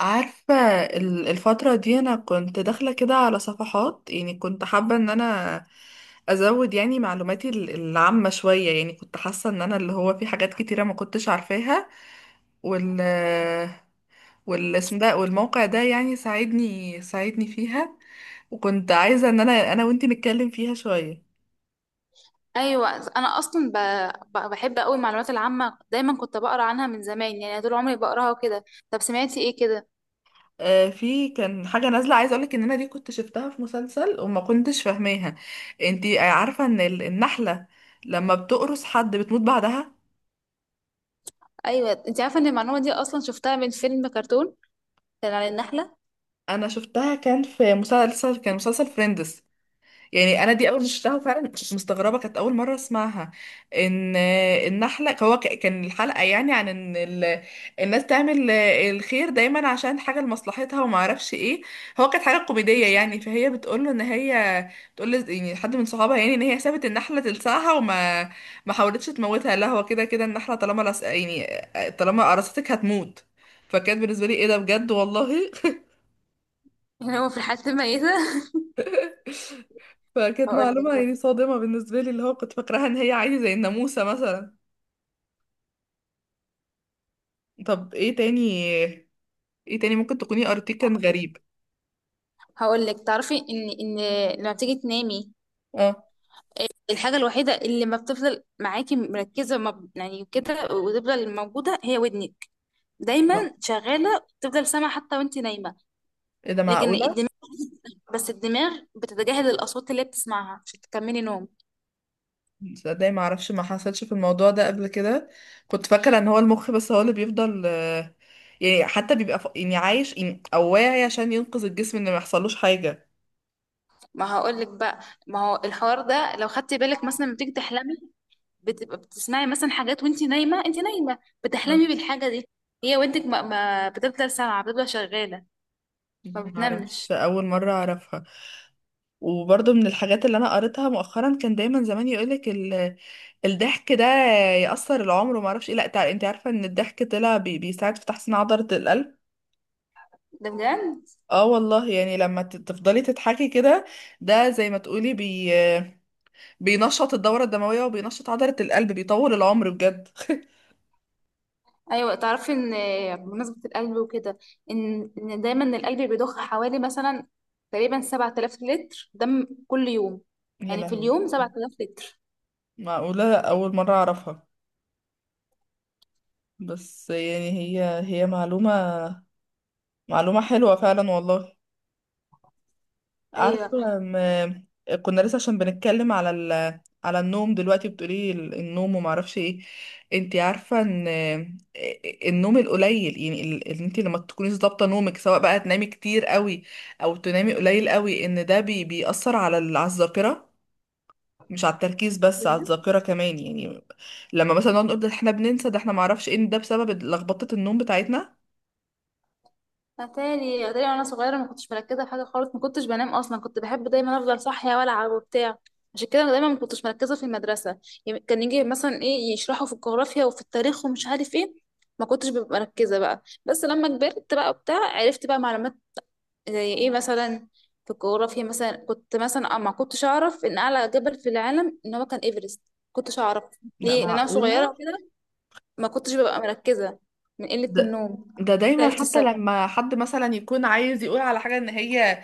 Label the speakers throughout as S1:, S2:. S1: عارفة؟ الفترة دي أنا كنت داخلة كده على صفحات، يعني كنت حابة إن أنا أزود، يعني معلوماتي العامة شوية، يعني كنت حاسة إن أنا اللي هو في حاجات كتيرة ما كنتش عارفاها، وال والاسم ده والموقع ده يعني ساعدني فيها، وكنت عايزة إن أنا وإنتي نتكلم فيها شوية.
S2: ايوه، انا اصلا بحب قوي المعلومات العامه، دايما كنت بقرا عنها من زمان، يعني طول عمري بقراها وكده. طب سمعتي ايه كده؟
S1: في كان حاجة نازلة عايزة أقولك إن أنا دي كنت شفتها في مسلسل وما كنتش فاهماها. انتي عارفة إن النحلة لما بتقرص حد بتموت بعدها؟
S2: ايوه، انت عارفه ان المعلومه دي اصلا شفتها من فيلم كرتون كان عن النحله.
S1: انا شفتها كان في مسلسل، كان مسلسل فريندز. يعني انا دي اول ما شفتها فعلا كنت مستغربه، كانت اول مره اسمعها. ان النحله هو كان الحلقه يعني عن ان الناس تعمل الخير دايما عشان حاجه لمصلحتها وما اعرفش ايه. هو كانت حاجه كوميديه، يعني فهي بتقول له ان هي بتقول له يعني حد من صحابها، يعني ان هي سابت النحله تلسعها وما ما حاولتش تموتها. لا هو كده كده النحله طالما لس... يعني طالما قرصتك هتموت. فكانت بالنسبه لي ايه ده بجد والله.
S2: اللي هو في الحته الميته.
S1: فكانت
S2: هقول لك
S1: معلومة يعني صادمة بالنسبة لي، اللي هو كنت فاكراها ان هي عادي زي الناموسة مثلا. طب ايه تاني؟ ايه تاني ممكن تكوني قريتيه كان
S2: هقول لك
S1: غريب؟
S2: هقول لك. تعرفي ان لما بتيجي تنامي،
S1: اه.
S2: الحاجه الوحيده اللي ما بتفضل معاكي مركزه ما ب- يعني كده وتفضل موجوده، هي ودنك دايما
S1: آه.
S2: شغاله، تفضل سامعه حتى وانت نايمه.
S1: ايه ده؟
S2: لكن
S1: معقولة؟
S2: بس الدماغ بتتجاهل الاصوات اللي هي بتسمعها عشان تكملي نوم.
S1: تصدقي ما اعرفش، ما حصلش في الموضوع ده قبل كده. كنت فاكرة ان هو المخ بس هو اللي بيفضل يعني حتى بيبقى عايش، يعني او واعي عشان ينقذ الجسم ان ما يحصلوش حاجة.
S2: ما هقول لك بقى، ما هو الحوار ده لو خدتي بالك مثلا لما بتيجي تحلمي، بتبقى بتسمعي مثلا حاجات وانت نايمه، انت نايمه بتحلمي
S1: آه.
S2: بالحاجه دي. هي ودنك ما بتفضل سامعه، بتفضل شغاله، ما
S1: ما
S2: بتنامش.
S1: اعرفش، اول مرة اعرفها. وبرضه من الحاجات اللي انا قريتها مؤخرا، كان دايما زمان يقولك الضحك ده يأثر العمر وما اعرفش ايه. لا انت عارفة ان الضحك طلع بيساعد في تحسين عضلة القلب؟
S2: ده بجد؟
S1: اه والله، يعني لما تفضلي تضحكي كده ده زي ما تقولي بينشط الدورة الدموية وبينشط عضلة القلب، بيطول العمر بجد.
S2: ايوه تعرفي ان، بمناسبه القلب وكده، ان دايما القلب بيضخ حوالي مثلا تقريبا 7000 لتر دم كل يوم،
S1: يا
S2: يعني في
S1: لهوي!
S2: اليوم 7000 لتر.
S1: معقولة، أول مرة أعرفها. بس يعني هي معلومة حلوة فعلا والله.
S2: ايوه،
S1: عارفة، كنا لسه عشان بنتكلم على النوم دلوقتي بتقولي النوم وما اعرفش ايه. انت عارفة ان النوم القليل يعني ان انت لما تكوني ظابطة نومك سواء بقى تنامي كتير قوي او تنامي قليل قوي ان ده بيأثر على الذاكرة، مش على التركيز بس، على الذاكرة كمان يعني. لما مثلا نقعد نقول ده احنا بننسى ده احنا ما اعرفش ايه، ده بسبب لخبطة النوم بتاعتنا.
S2: اتاري اتاري وانا صغيره ما كنتش مركزه في حاجه خالص، ما كنتش بنام اصلا، كنت بحب دايما افضل صاحيه والعب وبتاع. عشان كده دايما ما كنتش مركزه في المدرسه، يعني كان يجي مثلا ايه يشرحوا في الجغرافيا وفي التاريخ ومش عارف ايه، ما كنتش ببقى مركزه بقى. بس لما كبرت بقى وبتاع عرفت بقى معلومات. زي ايه مثلا؟ في الجغرافيا مثلا، كنت مثلا ما كنتش اعرف ان اعلى جبل في العالم ان هو كان ايفرست. كنتش اعرف.
S1: لا
S2: ليه؟ لان انا
S1: معقولة.
S2: صغيره كده، ما كنتش ببقى مركزه من قله
S1: ده
S2: النوم.
S1: ده دايما
S2: عرفت
S1: حتى
S2: السبب.
S1: لما حد مثلا يكون عايز يقول على حاجة ان هي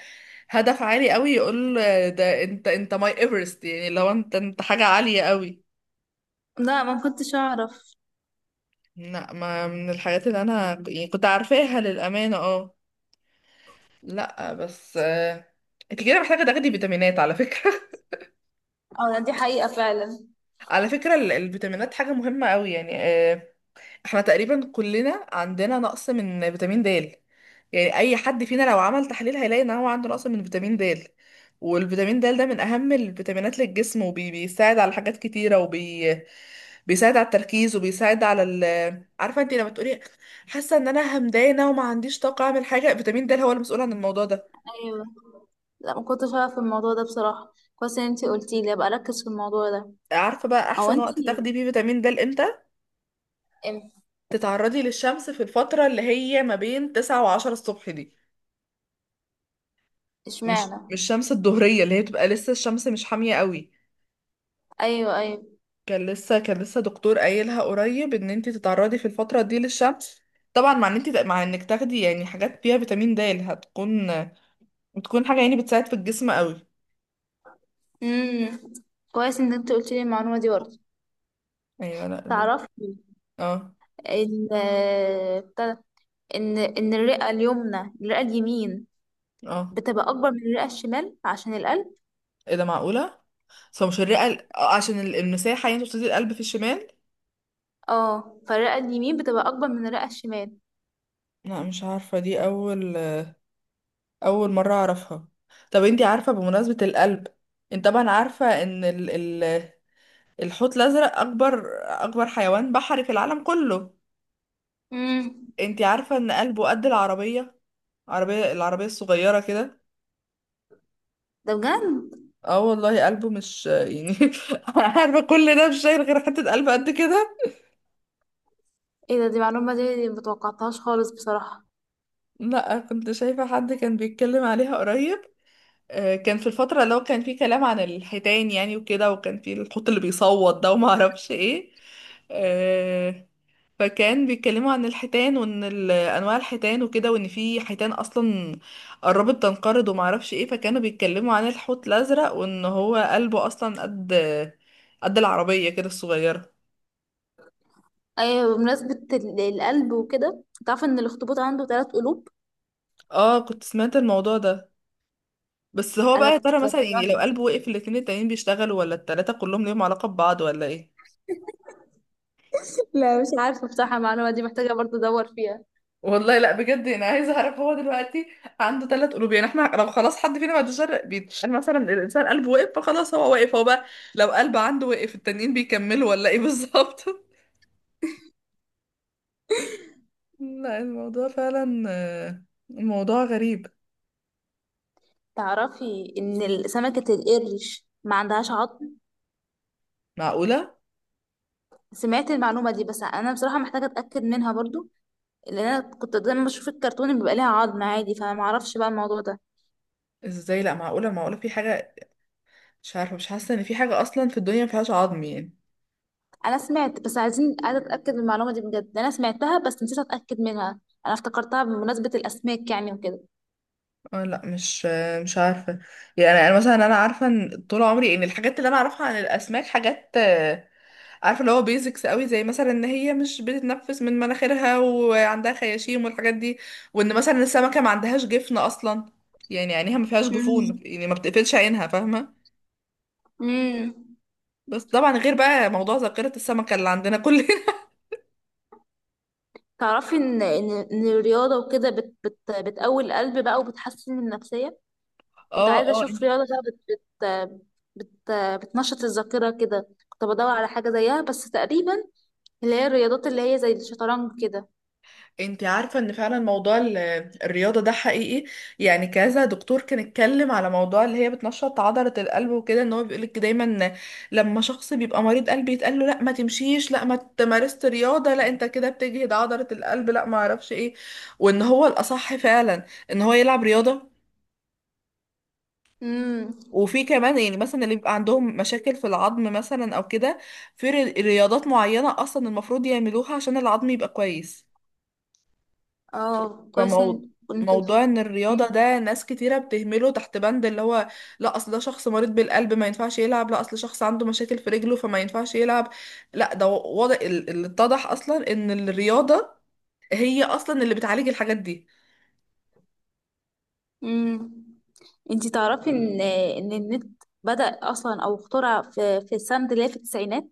S1: هدف عالي قوي يقول ده انت انت ماي ايفرست، يعني لو انت حاجة عالية قوي.
S2: لا ما كنتش اعرف.
S1: لا، ما من الحاجات اللي انا كنت عارفاها للأمانة، اه. لا بس انت كده محتاجة تاخدي فيتامينات على فكرة.
S2: اه، دي حقيقة فعلا.
S1: على فكرة الفيتامينات حاجة مهمة قوي يعني. احنا تقريبا كلنا عندنا نقص من فيتامين د. يعني اي حد فينا لو عمل تحليل هيلاقي ان هو عنده نقص من فيتامين د. والفيتامين د ده من اهم الفيتامينات للجسم، وبيساعد على حاجات كتيره، وبيساعد على التركيز، وبيساعد عارفه انت لما تقولي حاسه ان انا همدانه وما عنديش طاقه اعمل حاجه، فيتامين د هو المسؤول عن الموضوع ده.
S2: ايوه، لا ما كنتش اعرف الموضوع ده بصراحة، كويس ان انتي قلتي لي، ابقى اركز في الموضوع ده.
S1: عارفه بقى
S2: او
S1: احسن وقت
S2: انتي
S1: تاخدي بيه فيتامين د امتى؟
S2: ام-
S1: تتعرضي للشمس في الفتره اللي هي ما بين 9 و10 الصبح دي. مش
S2: اشمعنى؟
S1: مش الشمس الظهريه اللي هي بتبقى لسه الشمس مش حاميه قوي.
S2: ايوه، ايوه.
S1: كان لسه دكتور قايلها قريب ان انت تتعرضي في الفتره دي للشمس. طبعا مع ان انت مع انك تاخدي يعني حاجات فيها فيتامين د بتكون حاجه يعني بتساعد في الجسم قوي.
S2: امم. كويس ان انتي قلتي لي المعلومة دي برضه.
S1: ايوه. لا.
S2: تعرفي
S1: اه.
S2: ان بتاع ده، ان الرئة اليمنى الرئة اليمين
S1: اه.
S2: بتبقى اكبر من الرئة الشمال عشان القلب.
S1: ايه ده؟ معقوله؟ بس هو مش الرئه عشان المساحه يعني تبتدي القلب في الشمال.
S2: اه، فالرئة اليمين بتبقى اكبر من الرئة الشمال.
S1: لا مش عارفه، دي اول مره اعرفها. طب انت عارفه بمناسبه القلب، انت طبعا عارفه ان الحوت الازرق اكبر حيوان بحري في العالم كله؟
S2: امم.
S1: انتي عارفة ان قلبه قد العربية؟ العربية الصغيرة كده.
S2: ده بجد؟
S1: اه والله، قلبه مش يعني عارفة كل ده مش شايل غير حتة قلب قد كده.
S2: ايه ده، دي معلومة دي متوقعتهاش خالص بصراحة.
S1: لا كنت شايفة حد كان بيتكلم عليها قريب. كان في الفترة اللي هو كان فيه كلام عن الحيتان يعني وكده، وكان فيه الحوت اللي بيصوت ده وما اعرفش ايه. آه، فكان بيتكلموا عن الحيتان وان انواع الحيتان وكده، وان في حيتان اصلا قربت تنقرض وما اعرفش ايه. فكانوا بيتكلموا عن الحوت الازرق وان هو قلبه اصلا قد العربيه كده الصغيره.
S2: ايوه، بمناسبة القلب وكده، تعرف ان الاخطبوط عنده ثلاث قلوب؟
S1: اه كنت سمعت الموضوع ده، بس هو
S2: انا
S1: بقى يا ترى مثلا يعني لو
S2: اتصدمت.
S1: قلبه وقف الاتنين التانيين بيشتغلوا، ولا التلاته كلهم ليهم علاقه ببعض ولا ايه؟
S2: لا مش عارفة بصراحة، المعلومة دي محتاجة برضه ادور فيها.
S1: والله لا بجد انا عايزه اعرف، هو دلوقتي عنده ثلاث قلوب، يعني احنا لو خلاص حد فينا ما عندوش قلب بيتقال مثلا الانسان قلبه وقف فخلاص هو واقف هو بقى، لو قلب عنده وقف التانيين بيكملوا ولا ايه بالظبط؟ لا الموضوع فعلا الموضوع غريب.
S2: تعرفي ان سمكة القرش ما عندهاش عظم؟
S1: معقوله؟
S2: سمعت المعلومة دي، بس انا بصراحة محتاجة اتاكد منها برضه، لان انا كنت دايما بشوف الكرتون اللي بيبقى ليها عظم عادي، فانا ما اعرفش بقى الموضوع ده.
S1: ازاي؟ لا معقوله، معقوله في حاجه مش عارفه، مش حاسه ان في حاجه اصلا في الدنيا ما فيهاش عظم يعني.
S2: انا سمعت بس عايزة اتاكد من المعلومة دي بجد، انا سمعتها بس نسيت اتاكد منها. انا افتكرتها بمناسبة الاسماك يعني وكده.
S1: اه لا مش عارفه. يعني انا أنا مثلا انا عارفه ان طول عمري ان الحاجات اللي انا اعرفها عن الاسماك حاجات عارفه اللي هو بيزكس قوي، زي مثلا ان هي مش بتتنفس من مناخيرها وعندها خياشيم والحاجات دي، وان مثلا السمكه ما عندهاش جفن اصلا، يعني عينيها ما فيهاش جفون يعني ما بتقفلش عينها، فاهمه؟
S2: امم.
S1: بس طبعا غير بقى موضوع ذاكره السمكه اللي عندنا كلنا.
S2: تعرفي ان ان إن الرياضه وكده بت بت بتقوي القلب بقى وبتحسن من النفسيه؟ كنت
S1: اه،
S2: عايزه
S1: اه.
S2: اشوف رياضه بقى بت بت بت بتنشط الذاكره كده، كنت بدور على حاجه زيها بس تقريبا، اللي هي الرياضات اللي هي زي الشطرنج كده.
S1: انت عارفة ان فعلا موضوع الرياضة ده حقيقي؟ يعني كذا دكتور كان اتكلم على موضوع اللي هي بتنشط عضلة القلب وكده، ان هو بيقولك دايما لما شخص بيبقى مريض قلب يتقال له لا ما تمشيش، لا ما تمارست رياضة، لا انت كده بتجهد عضلة القلب، لا ما اعرفش ايه، وان هو الاصح فعلا ان هو يلعب رياضة.
S2: امم.
S1: وفي كمان يعني مثلا اللي بيبقى عندهم مشاكل في العظم مثلا او كده، في رياضات معينة اصلا المفروض يعملوها عشان العظم يبقى كويس.
S2: اه كويس كنت.
S1: فموضوع ان الرياضة ده ناس كتيرة بتهمله تحت بند اللي هو لا اصل ده شخص مريض بالقلب ما ينفعش يلعب، لا اصل شخص عنده مشاكل في رجله فما ينفعش يلعب. لا ده واضح، اللي اتضح اصلا ان الرياضة هي اصلا اللي بتعالج الحاجات دي.
S2: امم. انتي تعرفي ان النت بدأ اصلا او اخترع في السنه اللي هي في التسعينات؟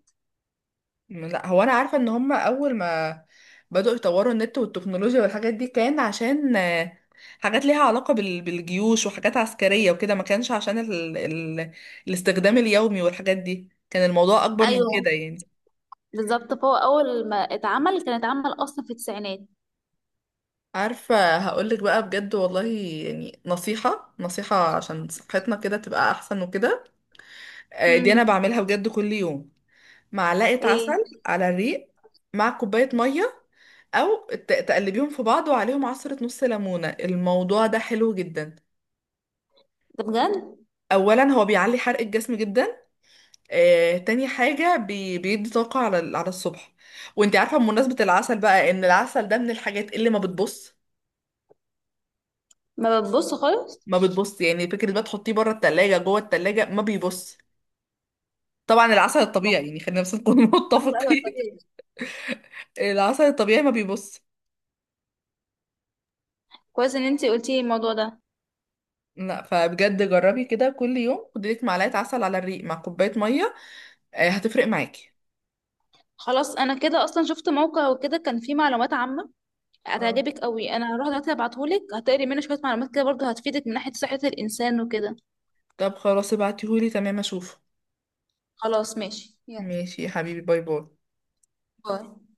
S1: لا هو انا عارفة ان هما اول ما بدأوا يطوروا النت والتكنولوجيا والحاجات دي كان عشان حاجات ليها علاقة بالجيوش وحاجات عسكرية وكده، ما كانش عشان الاستخدام اليومي والحاجات دي، كان الموضوع اكبر من
S2: ايوه،
S1: كده يعني.
S2: بالظبط، فهو اول ما اتعمل كان اتعمل اصلا في التسعينات.
S1: عارفة هقولك بقى بجد والله، يعني نصيحة عشان صحتنا كده تبقى أحسن وكده، دي أنا
S2: امم.
S1: بعملها بجد كل يوم: معلقة
S2: ايه
S1: عسل على الريق مع كوباية مية، أو تقلبيهم في بعض وعليهم عصرة نص ليمونة. الموضوع ده حلو جدا،
S2: ده، بجد؟
S1: أولا هو بيعلي حرق الجسم جدا، تاني حاجة بيدي طاقة على الصبح. وانت عارفة بمناسبة العسل بقى، إن العسل ده من الحاجات اللي ما بتبص
S2: ما بتبص خالص.
S1: ما بتبص يعني، فكرة بقى تحطيه بره التلاجة جوه التلاجة ما بيبص. طبعا العسل
S2: ما
S1: الطبيعي
S2: كنت-
S1: يعني خلينا بس نكون
S2: ايوه، ايوه،
S1: متفقين،
S2: طبيعي.
S1: العسل الطبيعي ما بيبص.
S2: كويس ان انتي قلتي الموضوع ده.
S1: لا فبجد جربي كده كل يوم، خدي لك معلقه عسل على الريق مع كوبايه ميه، هتفرق معاكي.
S2: خلاص، انا كده اصلا شفت موقع وكده كان فيه معلومات عامه
S1: اه.
S2: هتعجبك قوي، انا هروح دلوقتي ابعتهولك، هتقري منه شويه معلومات كده برضو هتفيدك من ناحيه صحه الانسان وكده.
S1: طب خلاص ابعتيهولي تمام اشوفه.
S2: خلاص ماشي، يلا،
S1: ماشي يا حبيبي، باي باي.
S2: باي.